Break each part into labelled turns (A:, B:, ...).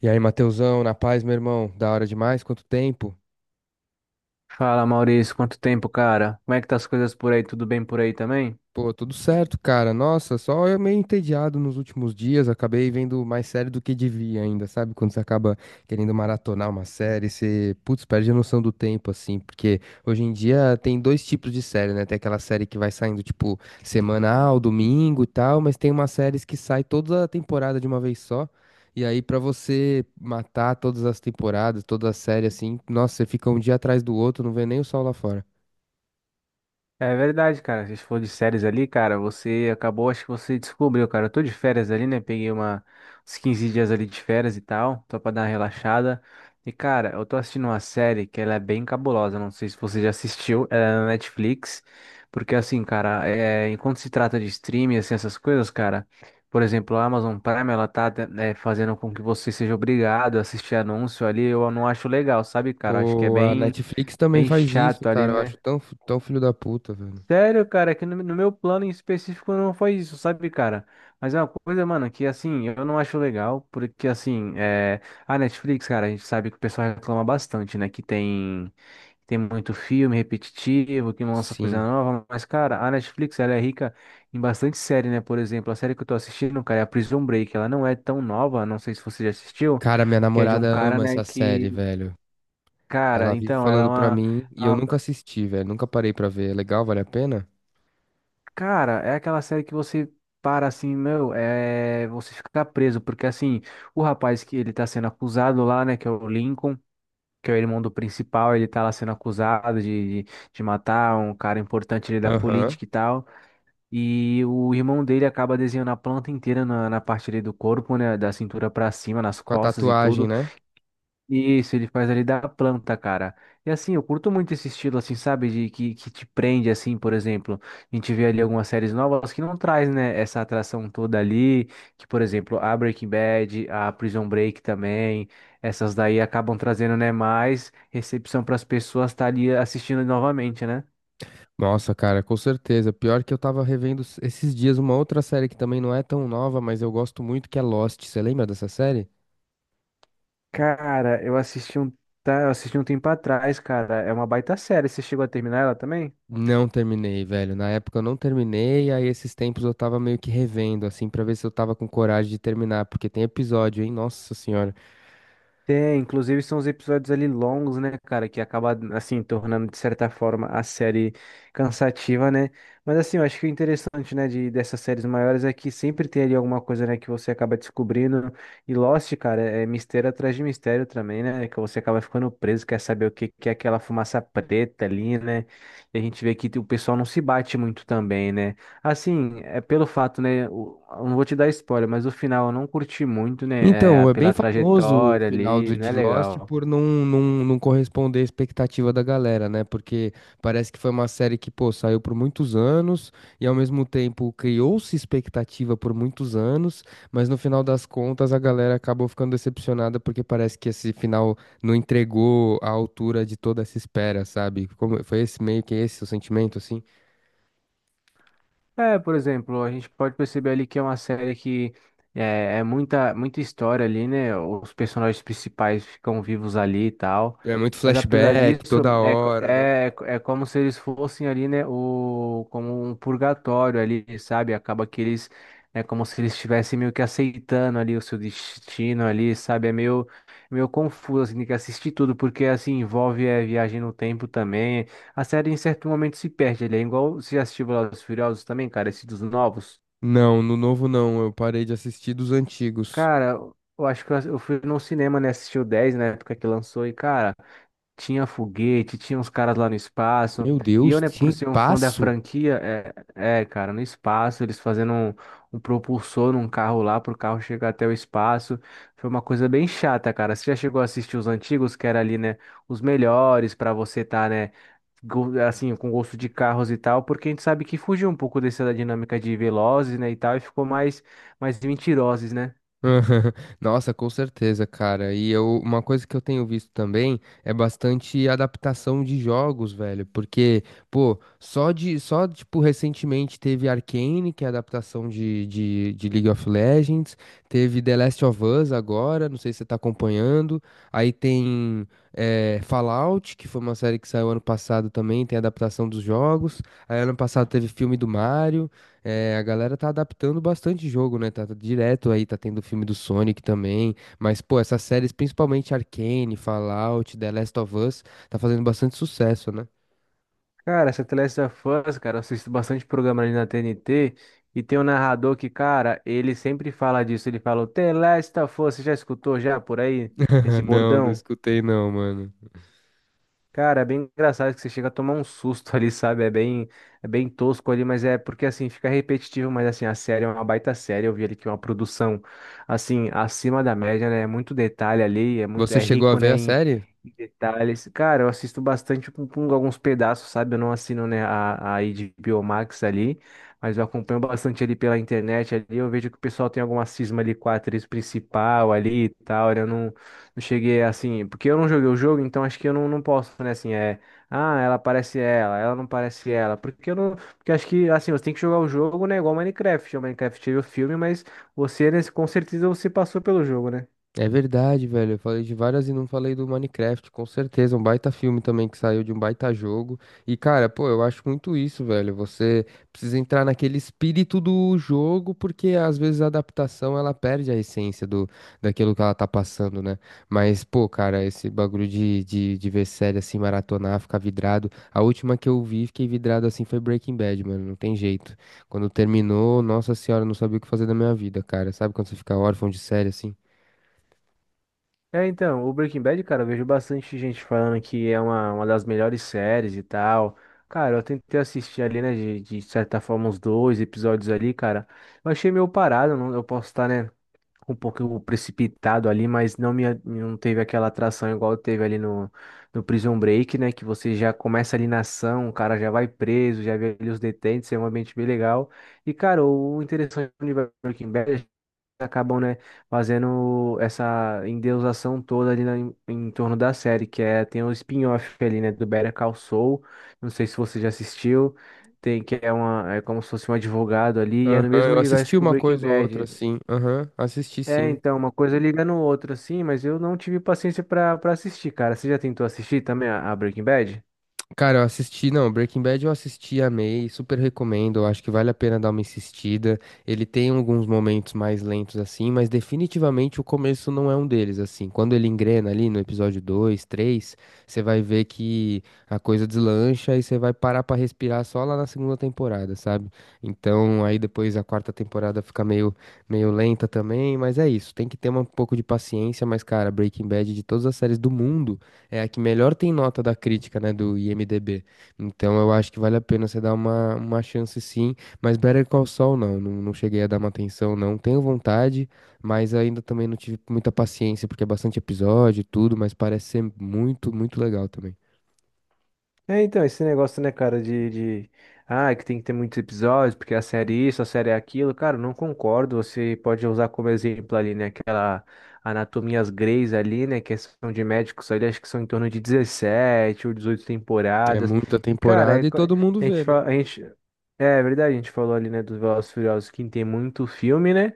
A: E aí, Mateusão, na paz, meu irmão? Da hora demais? Quanto tempo?
B: Fala, Maurício, quanto tempo, cara? Como é que tá as coisas por aí? Tudo bem por aí também?
A: Pô, tudo certo, cara. Nossa, só eu meio entediado nos últimos dias. Acabei vendo mais série do que devia ainda, sabe? Quando você acaba querendo maratonar uma série, você, putz, perde a noção do tempo, assim. Porque hoje em dia tem dois tipos de série, né? Tem aquela série que vai saindo, tipo, semanal, domingo e tal, mas tem umas séries que sai toda a temporada de uma vez só. E aí, pra você matar todas as temporadas, toda a série, assim, nossa, você fica um dia atrás do outro, não vê nem o sol lá fora.
B: É verdade, cara. A gente falou de séries ali, cara. Você acabou, acho que você descobriu, cara. Eu tô de férias ali, né? Peguei uns 15 dias ali de férias e tal, só pra dar uma relaxada. E, cara, eu tô assistindo uma série que ela é bem cabulosa. Não sei se você já assistiu, ela é na Netflix. Porque, assim, cara, é, enquanto se trata de streaming, assim, essas coisas, cara. Por exemplo, a Amazon Prime, ela tá, né, fazendo com que você seja obrigado a assistir anúncio ali. Eu não acho legal, sabe, cara? Eu acho que é
A: Pô, a
B: bem,
A: Netflix também
B: bem
A: faz isso,
B: chato ali,
A: cara. Eu acho
B: né?
A: tão, tão filho da puta, velho.
B: Sério, cara, é que no meu plano em específico não foi isso, sabe, cara? Mas é uma coisa, mano, que assim, eu não acho legal, porque assim, é... a Netflix, cara, a gente sabe que o pessoal reclama bastante, né? Que tem muito filme repetitivo, que não lança coisa
A: Sim.
B: nova, mas, cara, a Netflix, ela é rica em bastante série, né? Por exemplo, a série que eu tô assistindo, cara, é a Prison Break, ela não é tão nova, não sei se você já assistiu,
A: Cara, minha
B: que é de um
A: namorada
B: cara,
A: ama
B: né,
A: essa série,
B: que,
A: velho. Ela
B: cara,
A: vive
B: então, ela é
A: falando pra mim e eu nunca
B: uma.
A: assisti, velho. Nunca parei pra ver. É legal, vale a pena?
B: Cara, é aquela série que você para assim, meu, é, você fica preso, porque assim, o rapaz que ele tá sendo acusado lá, né, que é o Lincoln, que é o irmão do principal, ele tá lá sendo acusado de matar um cara importante ali da
A: Aham.
B: política e tal, e o irmão dele acaba desenhando a planta inteira na parte ali do corpo, né, da cintura pra cima, nas
A: Com a
B: costas e
A: tatuagem,
B: tudo,
A: né?
B: isso, ele faz ali da planta, cara. E assim, eu curto muito esse estilo, assim, sabe? De que te prende, assim, por exemplo. A gente vê ali algumas séries novas que não traz, né, essa atração toda ali. Que, por exemplo, a Breaking Bad, a Prison Break também. Essas daí acabam trazendo, né, mais recepção para as pessoas estar ali assistindo novamente, né?
A: Nossa, cara, com certeza. Pior que eu tava esses dias uma outra série que também não é tão nova, mas eu gosto muito, que é Lost. Você lembra dessa série?
B: Cara, eu assisti um, tá, eu assisti um tempo atrás, cara. É uma baita série. Você chegou a terminar ela também?
A: Não terminei, velho. Na época eu não terminei, aí esses tempos eu tava meio que revendo, assim, pra ver se eu tava com coragem de terminar, porque tem episódio, hein? Nossa senhora.
B: Tem, inclusive são os episódios ali longos, né, cara, que acaba, assim, tornando, de certa forma, a série cansativa, né? Mas, assim, eu acho que o interessante, né, de, dessas séries maiores é que sempre tem ali alguma coisa, né, que você acaba descobrindo. E Lost, cara, é mistério atrás de mistério também, né? Que você acaba ficando preso, quer saber o que, que é aquela fumaça preta ali, né? E a gente vê que o pessoal não se bate muito também, né? Assim, é pelo fato, né? Eu não vou te dar spoiler, mas o final eu não curti muito, né?
A: Então,
B: É,
A: é bem
B: pela
A: famoso o
B: trajetória
A: final
B: ali,
A: de
B: não é
A: de Lost
B: legal.
A: por não corresponder à expectativa da galera, né? Porque parece que foi uma série que, pô, saiu por muitos anos e ao mesmo tempo criou-se expectativa por muitos anos, mas no final das contas a galera acabou ficando decepcionada porque parece que esse final não entregou à altura de toda essa espera, sabe? Como, foi esse meio que esse o sentimento, assim?
B: É, por exemplo, a gente pode perceber ali que é uma série que é muita, muita história ali, né? Os personagens principais ficam vivos ali e tal.
A: É muito
B: Mas apesar
A: flashback
B: disso,
A: toda
B: é, co-
A: hora, né?
B: é, é como se eles fossem ali, né? O, como um purgatório ali, sabe? Acaba que eles. É como se eles estivessem meio que aceitando ali o seu destino ali, sabe? É meio, meio confuso, assim, tem que assistir tudo, porque assim envolve é, viagem no tempo também. A série em certo momento se perde, ele é igual. Você já assistiu Velozes e Furiosos também, cara? Esse dos novos?
A: Não, no novo não, eu parei de assistir dos antigos.
B: Cara, eu acho que eu fui num cinema, né? Assisti o 10 na época que lançou e, cara, tinha foguete, tinha uns caras lá no espaço.
A: Meu
B: E eu,
A: Deus,
B: né, por
A: tinha
B: ser um fã da
A: passo?
B: franquia, cara, no espaço, eles fazendo um, um propulsor num carro lá pro carro chegar até o espaço. Foi uma coisa bem chata, cara. Você já chegou a assistir os antigos, que era ali, né? Os melhores pra você tá, né? Assim, com gosto de carros e tal, porque a gente sabe que fugiu um pouco dessa dinâmica de Velozes, né, e tal, e ficou mais, mais Mentirozes, né?
A: Nossa, com certeza, cara. E eu, uma coisa que eu tenho visto também é bastante adaptação de jogos, velho. Porque, pô, tipo, recentemente teve Arcane, que é adaptação de League of Legends. Teve The Last of Us agora, não sei se você tá acompanhando. Aí tem Fallout, que foi uma série que saiu ano passado também, tem adaptação dos jogos. Aí ano passado teve filme do Mario. É, a galera tá adaptando bastante jogo, né? Tá, tá direto aí, tá tendo o filme do Sonic também. Mas, pô, essas séries, principalmente Arcane, Fallout, The Last of Us, tá fazendo bastante sucesso, né?
B: Cara, essa The Last of Us, cara, eu assisto bastante programa ali na TNT, e tem um narrador que, cara, ele sempre fala disso, ele fala, The Last of Us, você já escutou já por aí esse
A: Não, não
B: bordão?
A: escutei não, mano.
B: Cara, é bem engraçado que você chega a tomar um susto ali, sabe? É bem tosco ali, mas é porque assim, fica repetitivo, mas assim, a série é uma baita série. Eu vi ali que é uma produção assim, acima da média, né? É muito detalhe ali, é muito,
A: Você
B: é
A: chegou a
B: rico,
A: ver
B: né,
A: a
B: em,
A: série?
B: em detalhes. Cara, eu assisto bastante com alguns pedaços, sabe? Eu não assino, né, a HBO Max ali, mas eu acompanho bastante ali pela internet ali. Eu vejo que o pessoal tem alguma cisma ali com a atriz principal ali e tal. Né? Eu não Eu cheguei assim, porque eu não joguei o jogo, então acho que eu não posso, né? Assim, é. Ah, ela parece ela, ela não parece ela. Porque eu não. Porque acho que, assim, você tem que jogar o jogo, né? Igual Minecraft. O Minecraft teve o filme, mas você, né, com certeza, você passou pelo jogo, né?
A: É verdade, velho. Eu falei de várias e não falei do Minecraft, com certeza. Um baita filme também que saiu de um baita jogo. E, cara, pô, eu acho muito isso, velho. Você precisa entrar naquele espírito do jogo, porque às vezes a adaptação ela perde a essência daquilo que ela tá passando, né? Mas, pô, cara, esse bagulho de ver série assim, maratonar, ficar vidrado. A última que eu vi, fiquei vidrado assim, foi Breaking Bad, mano. Não tem jeito. Quando terminou, nossa senhora, eu não sabia o que fazer da minha vida, cara. Sabe quando você fica órfão de série assim?
B: É, então, o Breaking Bad, cara, eu vejo bastante gente falando que é uma das melhores séries e tal. Cara, eu tentei assistir ali, né, de certa forma, uns dois episódios ali, cara. Eu achei meio parado, não, eu posso estar, né? um pouco precipitado ali, mas não teve aquela atração igual teve ali no Prison Break, né? Que você já começa ali na ação, o cara já vai preso, já vê ali os detentes, é um ambiente bem legal. E, cara, o interessante do universo de Breaking Bad é que eles acabam, né, fazendo essa endeusação toda ali em torno da série, que é tem o spin-off ali, né, do Better Call Saul. Não sei se você já assistiu. Tem que é uma é como se fosse um advogado ali, e é
A: Aham,
B: no mesmo
A: eu
B: universo
A: assisti
B: que o
A: uma
B: Breaking
A: coisa ou outra,
B: Bad.
A: assim. Aham, assisti
B: É,
A: sim.
B: então, uma coisa liga no outro, assim, mas eu não tive paciência pra assistir, cara. Você já tentou assistir também a Breaking Bad?
A: Cara, eu assisti, não, Breaking Bad eu assisti, amei, super recomendo, eu acho que vale a pena dar uma insistida. Ele tem alguns momentos mais lentos assim, mas definitivamente o começo não é um deles, assim. Quando ele engrena ali no episódio 2, 3, você vai ver que a coisa deslancha e você vai parar pra respirar só lá na segunda temporada, sabe? Então, aí depois a quarta temporada fica meio lenta também, mas é isso, tem que ter um pouco de paciência, mas cara, Breaking Bad de todas as séries do mundo é a que melhor tem nota da crítica, né, do IMDb. Então eu acho que vale a pena você dar uma chance sim, mas Better Call Saul não cheguei a dar uma atenção não. Tenho vontade, mas ainda também não tive muita paciência, porque é bastante episódio e tudo, mas parece ser muito, muito legal também.
B: É, então, esse negócio, né, cara, de... Ah, que tem que ter muitos episódios, porque a série é isso, a série é aquilo. Cara, eu não concordo. Você pode usar como exemplo ali, né, aquela Anatomias Greys ali, né, que é, são de médicos ali, acho que são em torno de 17 ou 18
A: É
B: temporadas.
A: muita
B: E, cara, é
A: temporada e
B: co-
A: todo mundo
B: a
A: vê,
B: gente
A: né?
B: fala... A gente... É verdade, a gente falou ali, né, dos Velozes e Furiosos, que tem muito filme, né?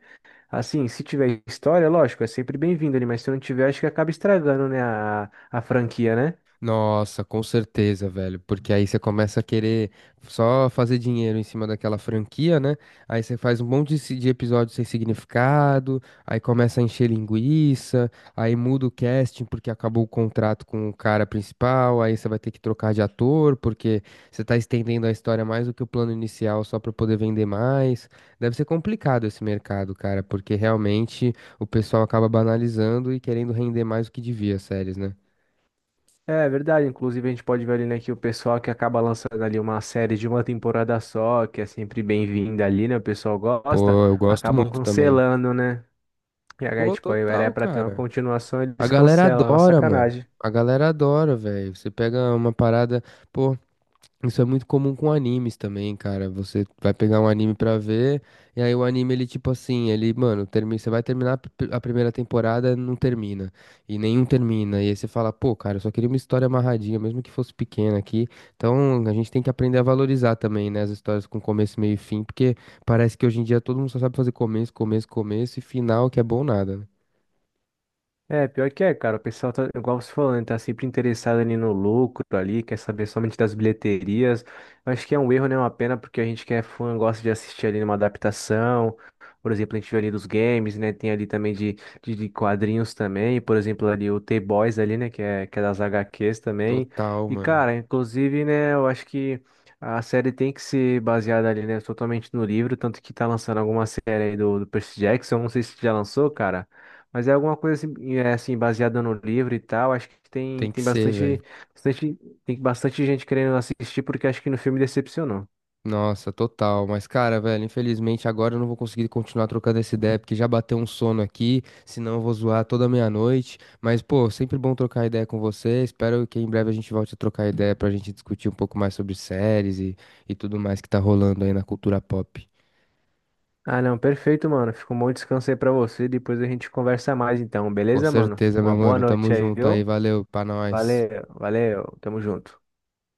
B: Assim, se tiver história, lógico, é sempre bem-vindo ali, mas se não tiver, acho que acaba estragando, né, a franquia, né?
A: Nossa, com certeza, velho. Porque aí você começa a querer só fazer dinheiro em cima daquela franquia, né? Aí você faz um monte de episódio sem significado, aí começa a encher linguiça, aí muda o casting porque acabou o contrato com o cara principal, aí você vai ter que trocar de ator porque você tá estendendo a história mais do que o plano inicial só pra poder vender mais. Deve ser complicado esse mercado, cara, porque realmente o pessoal acaba banalizando e querendo render mais do que devia as séries, né?
B: É é verdade, inclusive a gente pode ver ali, né, que o pessoal que acaba lançando ali uma série de uma temporada só, que é sempre bem-vinda ali, né, o pessoal gosta,
A: Pô, eu gosto
B: acabam
A: muito também.
B: cancelando, né? E aí,
A: Pô,
B: tipo, aí era
A: total,
B: pra ter uma
A: cara.
B: continuação,
A: A
B: eles
A: galera
B: cancelam, é uma
A: adora, mano.
B: sacanagem.
A: A galera adora, velho. Você pega uma parada, pô, isso é muito comum com animes também, cara. Você vai pegar um anime pra ver, e aí o anime, ele tipo assim, ele, mano, termina, você vai terminar a primeira temporada, não termina. E nenhum termina. E aí você fala, pô, cara, eu só queria uma história amarradinha, mesmo que fosse pequena aqui. Então, a gente tem que aprender a valorizar também, né, as histórias com começo, meio e fim, porque parece que hoje em dia todo mundo só sabe fazer começo, começo, começo e final que é bom nada, né?
B: É, pior que é, cara. O pessoal tá, igual você falou, né, tá sempre interessado ali no lucro ali, quer saber somente das bilheterias. Eu acho que é um erro, né? Uma pena, porque a gente que é fã gosta de assistir ali numa adaptação. Por exemplo, a gente vê ali dos games, né? Tem ali também de quadrinhos também. Por exemplo, ali o T-Boys ali, né? Que é das HQs também.
A: Total,
B: E,
A: mano.
B: cara, inclusive, né? Eu acho que a série tem que ser baseada ali, né? Totalmente no livro. Tanto que tá lançando alguma série aí do Percy Jackson. Não sei se já lançou, cara. Mas é alguma coisa assim, é, assim, baseada no livro e tal. Acho que tem,
A: Tem que
B: tem
A: ser, velho.
B: bastante, bastante gente querendo assistir porque acho que no filme decepcionou.
A: Nossa, total. Mas, cara, velho, infelizmente agora eu não vou conseguir continuar trocando essa ideia, porque já bateu um sono aqui, senão eu vou zoar toda meia-noite. Mas, pô, sempre bom trocar ideia com você. Espero que em breve a gente volte a trocar ideia pra gente discutir um pouco mais sobre séries e tudo mais que tá rolando aí na cultura pop.
B: Ah, não, perfeito, mano. Fica um bom descanso aí pra você. Depois a gente conversa mais então,
A: Com
B: beleza, mano?
A: certeza,
B: Uma
A: meu
B: boa
A: mano. Tamo
B: noite aí,
A: junto aí.
B: viu?
A: Valeu, pra nós.
B: Valeu, valeu. Tamo junto.